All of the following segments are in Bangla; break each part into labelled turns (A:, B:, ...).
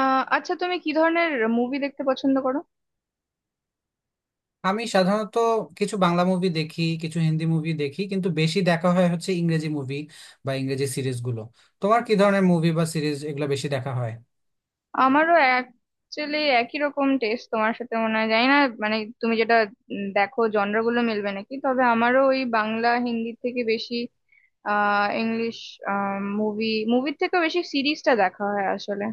A: আচ্ছা, তুমি কি ধরনের মুভি দেখতে পছন্দ করো?
B: আমি সাধারণত কিছু বাংলা মুভি দেখি, কিছু হিন্দি মুভি দেখি, কিন্তু বেশি দেখা হয় হচ্ছে ইংরেজি মুভি বা ইংরেজি সিরিজগুলো। তোমার কি ধরনের মুভি বা সিরিজ এগুলো বেশি দেখা হয়?
A: আমারও অ্যাকচুয়ালি একই রকম টেস্ট তোমার সাথে, মনে হয়, জানি না। মানে তুমি যেটা দেখো, জনরা গুলো মিলবে নাকি, তবে আমারও ওই বাংলা হিন্দি থেকে বেশি ইংলিশ মুভি, মুভির থেকেও বেশি সিরিজটা দেখা হয় আসলে।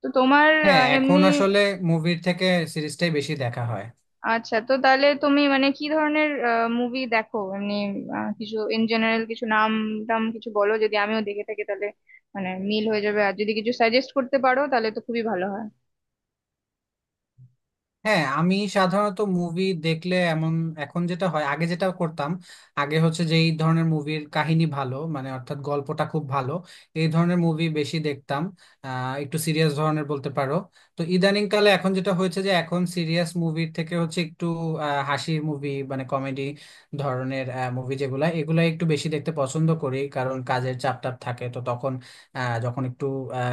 A: তো তোমার
B: হ্যাঁ, এখন
A: এমনি
B: আসলে মুভির থেকে সিরিজটাই বেশি দেখা হয়।
A: আচ্ছা, তো তাহলে তুমি মানে কি ধরনের মুভি দেখো এমনি? কিছু ইন জেনারেল, কিছু নাম টাম কিছু বলো, যদি আমিও দেখে থাকি তাহলে মানে মিল হয়ে যাবে, আর যদি কিছু সাজেস্ট করতে পারো তাহলে তো খুবই ভালো হয়।
B: হ্যাঁ, আমি সাধারণত মুভি দেখলে এমন এখন যেটা হয়, আগে যেটা করতাম, আগে হচ্ছে যে এই ধরনের মুভির কাহিনী ভালো, মানে অর্থাৎ গল্পটা খুব ভালো, এই ধরনের মুভি বেশি দেখতাম। একটু সিরিয়াস ধরনের বলতে পারো। তো ইদানিং কালে এখন যেটা হয়েছে যে এখন সিরিয়াস মুভির থেকে হচ্ছে একটু হাসির মুভি, মানে কমেডি ধরনের মুভি, যেগুলা এগুলা একটু বেশি দেখতে পছন্দ করি, কারণ কাজের চাপ টাপ থাকে তো তখন যখন একটু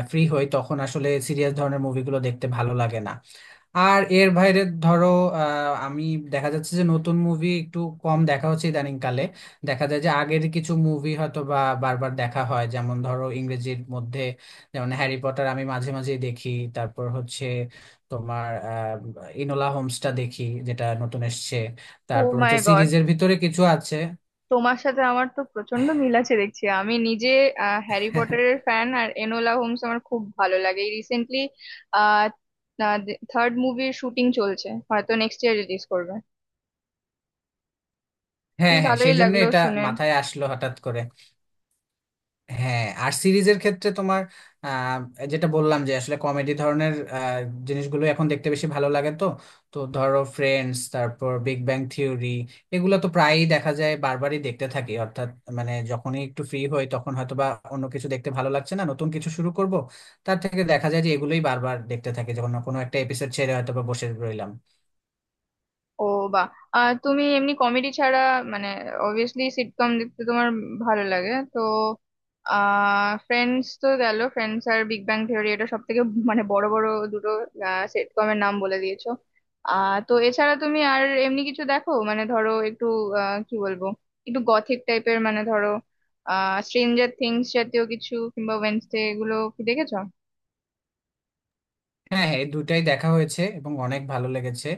B: ফ্রি হই তখন আসলে সিরিয়াস ধরনের মুভিগুলো দেখতে ভালো লাগে না। আর এর বাইরে ধরো, আমি দেখা যাচ্ছে যে নতুন মুভি একটু কম দেখা হচ্ছে ইদানিং কালে। দেখা যায় যে আগের কিছু মুভি হয়তো বা বারবার দেখা হয়, যেমন ধরো ইংরেজির মধ্যে যেমন হ্যারি পটার আমি মাঝে মাঝে দেখি। তারপর হচ্ছে তোমার ইনোলা হোমসটা দেখি, যেটা নতুন এসছে।
A: ও
B: তারপর
A: মাই
B: হচ্ছে
A: গড,
B: সিরিজের ভিতরে কিছু আছে।
A: তোমার সাথে আমার তো প্রচন্ড মিল আছে দেখছি। আমি নিজে হ্যারি পটারের ফ্যান, আর এনোলা হোমস আমার খুব ভালো লাগে। এই রিসেন্টলি আহ থার্ড মুভির শুটিং চলছে, হয়তো নেক্সট ইয়ার রিলিজ করবে।
B: হ্যাঁ
A: বেশ
B: হ্যাঁ,
A: ভালোই
B: সেই জন্য
A: লাগলো
B: এটা
A: শুনে।
B: মাথায় আসলো হঠাৎ করে। হ্যাঁ, আর সিরিজের ক্ষেত্রে তোমার আহ, যেটা বললাম যে আসলে কমেডি ধরনের জিনিসগুলো এখন দেখতে বেশি ভালো লাগে। তো, তো ধরো ফ্রেন্ডস, তারপর বিগ ব্যাং থিওরি, এগুলো তো প্রায়ই দেখা যায়, বারবারই দেখতে থাকি। অর্থাৎ মানে যখনই একটু ফ্রি হই তখন হয়তো বা অন্য কিছু দেখতে ভালো লাগছে না, নতুন কিছু শুরু করব, তার থেকে দেখা যায় যে এগুলোই বারবার দেখতে থাকি, যখন কোনো একটা এপিসোড ছেড়ে হয়তো বা বসে রইলাম।
A: ও, বা, আর তুমি এমনি কমেডি ছাড়া, মানে অবভিয়াসলি সিটকম দেখতে তোমার ভালো লাগে তো। ফ্রেন্ডস তো গেল, ফ্রেন্ডস আর বিগ ব্যাং থিওরি এটা সব থেকে মানে বড় বড় দুটো সিটকমের নাম বলে দিয়েছো। তো এছাড়া তুমি আর এমনি কিছু দেখো, মানে ধরো একটু কি বলবো, একটু গথিক টাইপের, মানে ধরো স্ট্রেঞ্জার থিংস জাতীয় কিছু, কিংবা ওয়েনসডে, এগুলো কি দেখেছো?
B: হ্যাঁ হ্যাঁ, এই দুটাই দেখা হয়েছে এবং অনেক ভালো লেগেছে।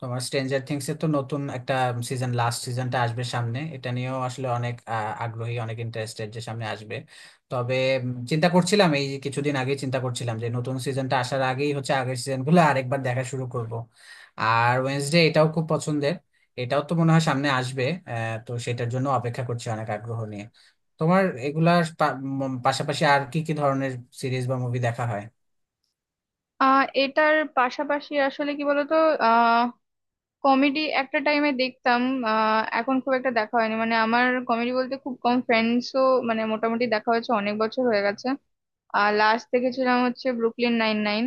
B: তোমার স্ট্রেঞ্জার থিংস এর তো নতুন একটা সিজন, লাস্ট সিজনটা আসবে সামনে, এটা নিয়েও আসলে অনেক আগ্রহী, অনেক ইন্টারেস্টেড যে সামনে আসবে। তবে চিন্তা করছিলাম এই কিছুদিন আগে, চিন্তা করছিলাম যে নতুন সিজনটা আসার আগেই হচ্ছে আগের সিজনগুলো আরেকবার দেখা শুরু করব। আর ওয়েনসডে এটাও খুব পছন্দের, এটাও তো মনে হয় সামনে আসবে। তো সেটার জন্য অপেক্ষা করছি অনেক আগ্রহ নিয়ে। তোমার পাশাপাশি আর কি কি ধরনের সিরিজ বা মুভি দেখা হয়?
A: এটার পাশাপাশি আসলে কি বলতো, কমেডি একটা টাইমে দেখতাম। এখন খুব একটা দেখা হয়নি, মানে আমার কমেডি বলতে খুব কম, ফ্রেন্ডসও মানে মোটামুটি দেখা হয়েছে, অনেক বছর হয়ে গেছে। আর লাস্ট দেখেছিলাম হচ্ছে ব্রুকলিন নাইন নাইন।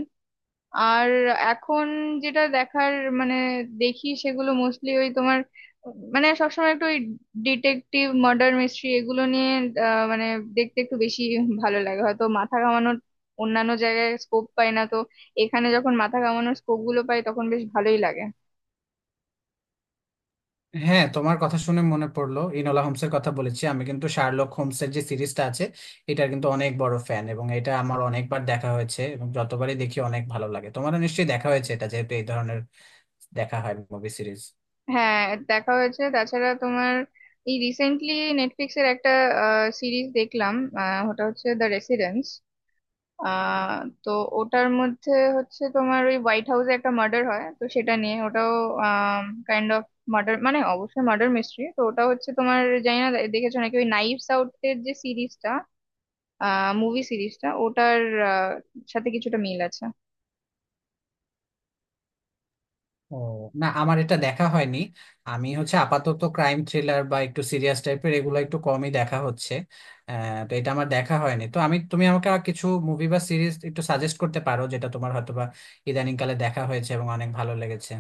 A: আর এখন যেটা দেখার মানে দেখি, সেগুলো মোস্টলি ওই তোমার, মানে সবসময় একটু ওই ডিটেকটিভ মার্ডার মিস্ট্রি এগুলো নিয়ে মানে দেখতে একটু বেশি ভালো লাগে, হয়তো মাথা ঘামানোর অন্যান্য জায়গায় স্কোপ পাই না, তো এখানে যখন মাথা ঘামানোর স্কোপ গুলো পাই তখন বেশ ভালোই লাগে।
B: হ্যাঁ, তোমার কথা শুনে মনে পড়লো, ইনোলা হোমসের কথা বলেছি আমি, কিন্তু শার্লক হোমসের যে সিরিজটা আছে এটার কিন্তু অনেক বড় ফ্যান, এবং এটা আমার অনেকবার দেখা হয়েছে এবং যতবারই দেখি অনেক ভালো লাগে। তোমারও নিশ্চয়ই দেখা হয়েছে এটা, যেহেতু এই ধরনের দেখা হয় মুভি সিরিজ।
A: হ্যাঁ, দেখা হয়েছে। তাছাড়া তোমার এই রিসেন্টলি নেটফ্লিক্সের একটা সিরিজ দেখলাম, ওটা হচ্ছে দ্য রেসিডেন্স। তো ওটার মধ্যে হচ্ছে তোমার ওই হোয়াইট হাউসে একটা মার্ডার হয়, তো সেটা নিয়ে ওটাও কাইন্ড অফ মার্ডার, মানে অবশ্যই মার্ডার মিস্ট্রি। তো ওটা হচ্ছে, তোমার জানি না দেখেছো নাকি ওই নাইভস আউট এর যে সিরিজটা, মুভি সিরিজটা, ওটার আহ, সাথে কিছুটা মিল আছে।
B: ও, না, আমার এটা দেখা হয়নি। আমি হচ্ছে আপাতত ক্রাইম থ্রিলার বা একটু সিরিয়াস টাইপের এগুলো একটু কমই দেখা হচ্ছে। তো এটা আমার দেখা হয়নি। তো তুমি আমাকে আর কিছু মুভি বা সিরিজ একটু সাজেস্ট করতে পারো, যেটা তোমার হয়তোবা ইদানিংকালে দেখা হয়েছে এবং অনেক ভালো লেগেছে?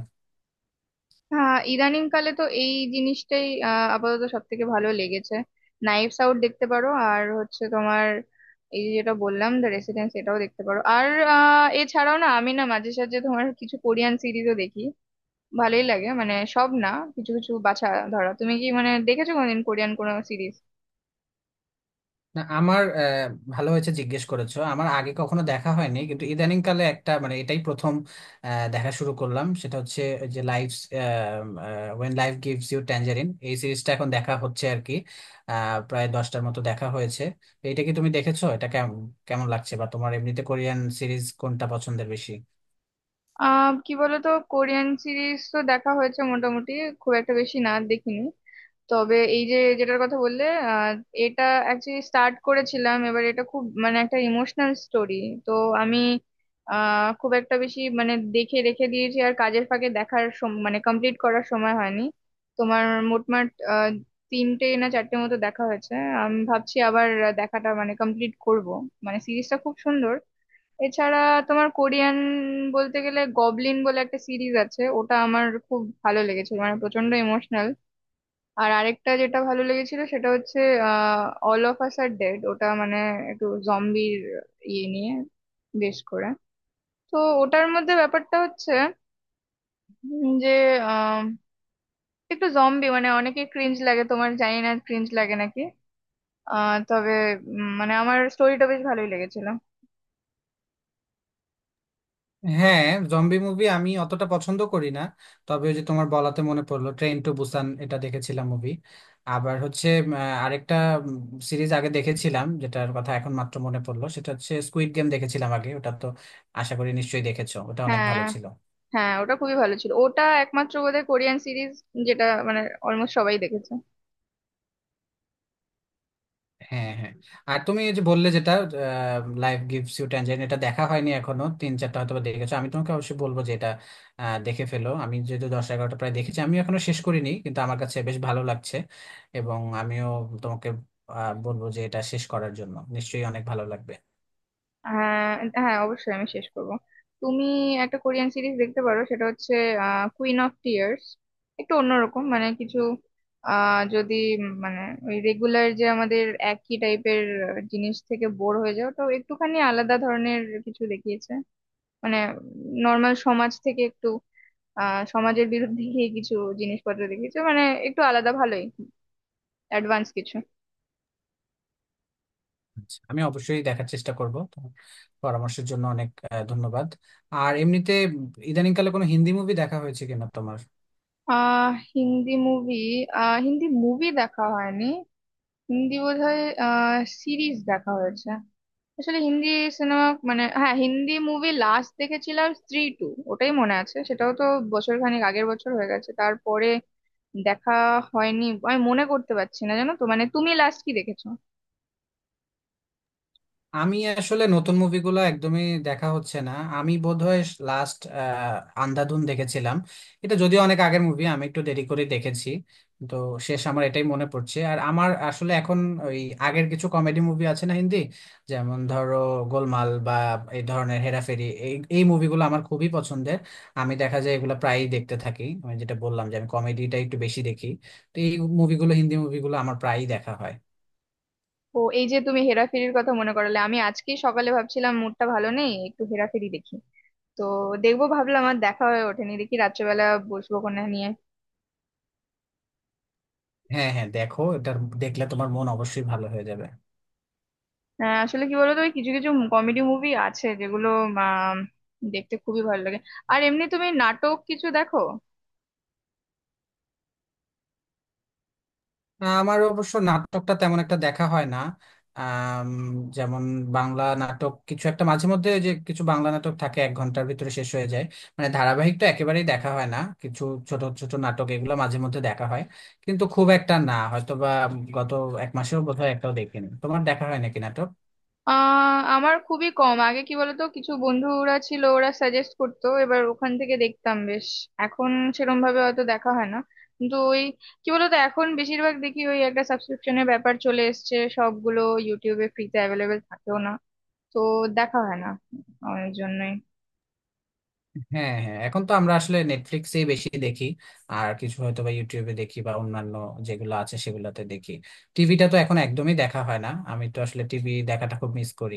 A: হ্যাঁ ইদানিং কালে তো এই জিনিসটাই আপাতত সব থেকে ভালো লেগেছে। নাইভস আউট দেখতে পারো, আর হচ্ছে তোমার এই যে যেটা বললাম, দ্য রেসিডেন্স, এটাও দেখতে পারো। আর এছাড়াও না, আমি না মাঝে সাঝে তোমার কিছু কোরিয়ান সিরিজও দেখি। ভালোই লাগে, মানে সব না, কিছু কিছু বাছা ধরা। তুমি কি মানে দেখেছো কোনোদিন কোরিয়ান কোনো সিরিজ?
B: না, আমার ভালো হয়েছে জিজ্ঞেস করেছো, আমার আগে কখনো দেখা হয়নি, কিন্তু ইদানিং কালে একটা, মানে এটাই প্রথম দেখা শুরু করলাম, সেটা হচ্ছে ওই যে life, when life gives you tangerine, এই সিরিজটা এখন দেখা হচ্ছে আর কি। প্রায় 10টার মতো দেখা হয়েছে। তো এটা কি তুমি দেখেছো? এটা কেমন, কেমন লাগছে? বা তোমার এমনিতে কোরিয়ান সিরিজ কোনটা পছন্দের বেশি?
A: কি বলতো, কোরিয়ান সিরিজ তো দেখা হয়েছে মোটামুটি, খুব একটা বেশি না দেখিনি। তবে এই যে যেটার কথা বললে আহ, এটা অ্যাকচুয়ালি স্টার্ট করেছিলাম এবার, এটা খুব মানে একটা ইমোশনাল স্টোরি। তো আমি খুব একটা বেশি মানে দেখে রেখে দিয়েছি, আর কাজের ফাঁকে দেখার মানে কমপ্লিট করার সময় হয়নি। তোমার মোটমাট আহ তিনটে না চারটে মতো দেখা হয়েছে। আমি ভাবছি আবার দেখাটা মানে কমপ্লিট করব, মানে সিরিজটা খুব সুন্দর। এছাড়া তোমার কোরিয়ান বলতে গেলে গবলিন বলে একটা সিরিজ আছে, ওটা আমার খুব ভালো লেগেছে, মানে প্রচন্ড ইমোশনাল। আর আরেকটা যেটা ভালো লেগেছিল সেটা হচ্ছে আহ All of Us Are Dead. ওটা মানে একটু জম্বির ইয়ে নিয়ে বেশ করে। তো ওটার মধ্যে ব্যাপারটা হচ্ছে যে আহ, একটু জম্বি মানে অনেকে ক্রিঞ্জ লাগে, তোমার জানি না ক্রিঞ্জ লাগে নাকি। তবে মানে আমার স্টোরিটা বেশ ভালোই লেগেছিল।
B: হ্যাঁ, জম্বি মুভি আমি অতটা পছন্দ করি না, তবে ওই যে তোমার বলাতে মনে পড়লো, ট্রেন টু বুসান এটা দেখেছিলাম মুভি। আবার হচ্ছে আরেকটা সিরিজ আগে দেখেছিলাম, যেটার কথা এখন মাত্র মনে পড়লো, সেটা হচ্ছে স্কুইড গেম, দেখেছিলাম আগে ওটা। তো আশা করি নিশ্চয়ই দেখেছো, ওটা অনেক
A: হ্যাঁ
B: ভালো ছিল।
A: হ্যাঁ, ওটা খুবই ভালো ছিল, ওটা একমাত্র বোধহয় কোরিয়ান সিরিজ যেটা মানে অলমোস্ট সবাই দেখেছে।
B: হ্যাঁ হ্যাঁ, আর তুমি এই যে বললে যেটা লাইফ গিভস ইউ ট্যানজারিন, এটা দেখা হয়নি এখনো, তিন চারটা হয়তো বা দেখেছো। আমি তোমাকে অবশ্যই বলবো যে এটা দেখে ফেলো। আমি যেহেতু 10-11টা প্রায় দেখেছি, আমি এখনো শেষ করিনি, কিন্তু আমার কাছে বেশ ভালো লাগছে। এবং আমিও তোমাকে বলবো যে এটা শেষ করার জন্য নিশ্চয়ই অনেক ভালো লাগবে।
A: হ্যাঁ হ্যাঁ, অবশ্যই আমি শেষ করব। তুমি একটা কোরিয়ান সিরিজ দেখতে পারো, সেটা হচ্ছে কুইন অফ টিয়ার্স। একটু অন্যরকম, মানে কিছু যদি মানে ওই রেগুলার যে আমাদের একই টাইপের জিনিস থেকে বোর হয়ে যাও, তো একটুখানি আলাদা ধরনের কিছু দেখিয়েছে। মানে নর্মাল সমাজ থেকে একটু সমাজের বিরুদ্ধে গিয়ে কিছু জিনিসপত্র দেখিয়েছে, মানে একটু আলাদা, ভালোই অ্যাডভান্স কিছু।
B: আচ্ছা, আমি অবশ্যই দেখার চেষ্টা করব। তোমার পরামর্শের জন্য অনেক ধন্যবাদ। আর এমনিতে ইদানিংকালে কোনো হিন্দি মুভি দেখা হয়েছে কিনা তোমার?
A: হিন্দি মুভি, হিন্দি মুভি দেখা হয়নি। হিন্দি বোধহয় সিরিজ দেখা হয়েছে, আসলে হিন্দি সিনেমা। মানে হ্যাঁ, হিন্দি মুভি লাস্ট দেখেছিলাম স্ত্রী টু, ওটাই মনে আছে। সেটাও তো বছর খানেক আগের, বছর হয়ে গেছে। তারপরে দেখা হয়নি, আমি মনে করতে পারছি না, জানো তো। মানে তুমি লাস্ট কি দেখেছো?
B: আমি আসলে নতুন মুভিগুলো একদমই দেখা হচ্ছে না। আমি বোধহয় লাস্ট আন্ধাধুন দেখেছিলাম। এটা যদিও অনেক আগের মুভি, আমি একটু দেরি করে দেখেছি। তো শেষ আমার এটাই মনে পড়ছে। আর আমার আসলে এখন ওই আগের কিছু কমেডি মুভি আছে না হিন্দি, যেমন ধরো গোলমাল বা এই ধরনের হেরাফেরি, এই এই মুভিগুলো আমার খুবই পছন্দের। আমি দেখা যায় এগুলো প্রায়ই দেখতে থাকি। আমি যেটা বললাম যে আমি কমেডিটা একটু বেশি দেখি, তো এই মুভিগুলো, হিন্দি মুভিগুলো আমার প্রায়ই দেখা হয়।
A: ও, এই যে তুমি হেরাফেরির কথা মনে করালে, আমি আজকেই সকালে ভাবছিলাম মুডটা ভালো নেই, একটু হেরাফেরি দেখি। তো দেখবো ভাবলাম আর দেখা হয়ে ওঠেনি, দেখি রাত্রেবেলা বসবো কোনা নিয়ে।
B: হ্যাঁ হ্যাঁ, দেখো, এটা দেখলে তোমার মন অবশ্যই ভালো হয়ে যাবে।
A: হ্যাঁ আসলে কি বলতো, ওই কিছু কিছু কমেডি মুভি আছে যেগুলো আম, দেখতে খুবই ভালো লাগে। আর এমনি তুমি নাটক কিছু দেখো?
B: আমার অবশ্য নাটকটা তেমন একটা দেখা হয় না। আম, যেমন বাংলা নাটক কিছু একটা মাঝে মধ্যে, ওই যে কিছু বাংলা নাটক থাকে 1 ঘন্টার ভিতরে শেষ হয়ে যায়, মানে ধারাবাহিক তো একেবারেই দেখা হয় না, কিছু ছোট ছোট নাটক এগুলো মাঝে মধ্যে দেখা হয়। কিন্তু খুব একটা না, হয়তো বা গত 1 মাসেও বোধহয় একটাও দেখিনি। তোমার দেখা হয় নাকি নাটক?
A: আমার খুবই কম। আগে কি বলতো, কিছু বন্ধুরা ছিল, ওরা সাজেস্ট করতো, এবার ওখান থেকে দেখতাম বেশ। এখন সেরকম ভাবে হয়তো দেখা হয় না, কিন্তু ওই কি বলতো, এখন বেশিরভাগ দেখি ওই একটা সাবস্ক্রিপশনের ব্যাপার চলে এসেছে, সবগুলো ইউটিউবে ফ্রিতে অ্যাভেলেবেল থাকেও না, তো দেখা হয় না আমার জন্য।
B: হ্যাঁ হ্যাঁ, এখন তো আমরা আসলে নেটফ্লিক্সেই বেশি দেখি, আর কিছু হয়তো বা ইউটিউবে দেখি বা অন্যান্য যেগুলো আছে সেগুলোতে দেখি। টিভিটা তো এখন একদমই দেখা হয় না, আমি তো আসলে টিভি দেখাটা খুব মিস করি।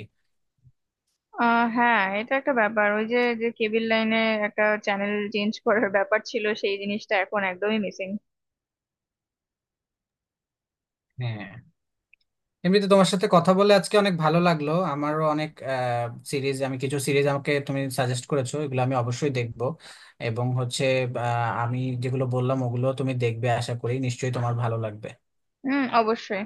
A: হ্যাঁ, এটা একটা ব্যাপার, ওই যে যে কেবল লাইনে একটা চ্যানেল চেঞ্জ করার ব্যাপার ছিল, সেই জিনিসটা এখন একদমই মিসিং।
B: হ্যাঁ, এমনিতে তোমার সাথে কথা বলে আজকে অনেক ভালো লাগলো। আমারও অনেক সিরিজ, আমি কিছু সিরিজ আমাকে তুমি সাজেস্ট করেছো, এগুলো আমি অবশ্যই দেখব। এবং হচ্ছে আমি যেগুলো বললাম ওগুলো তুমি দেখবে আশা করি, নিশ্চয়ই তোমার ভালো লাগবে।
A: হুম, অবশ্যই।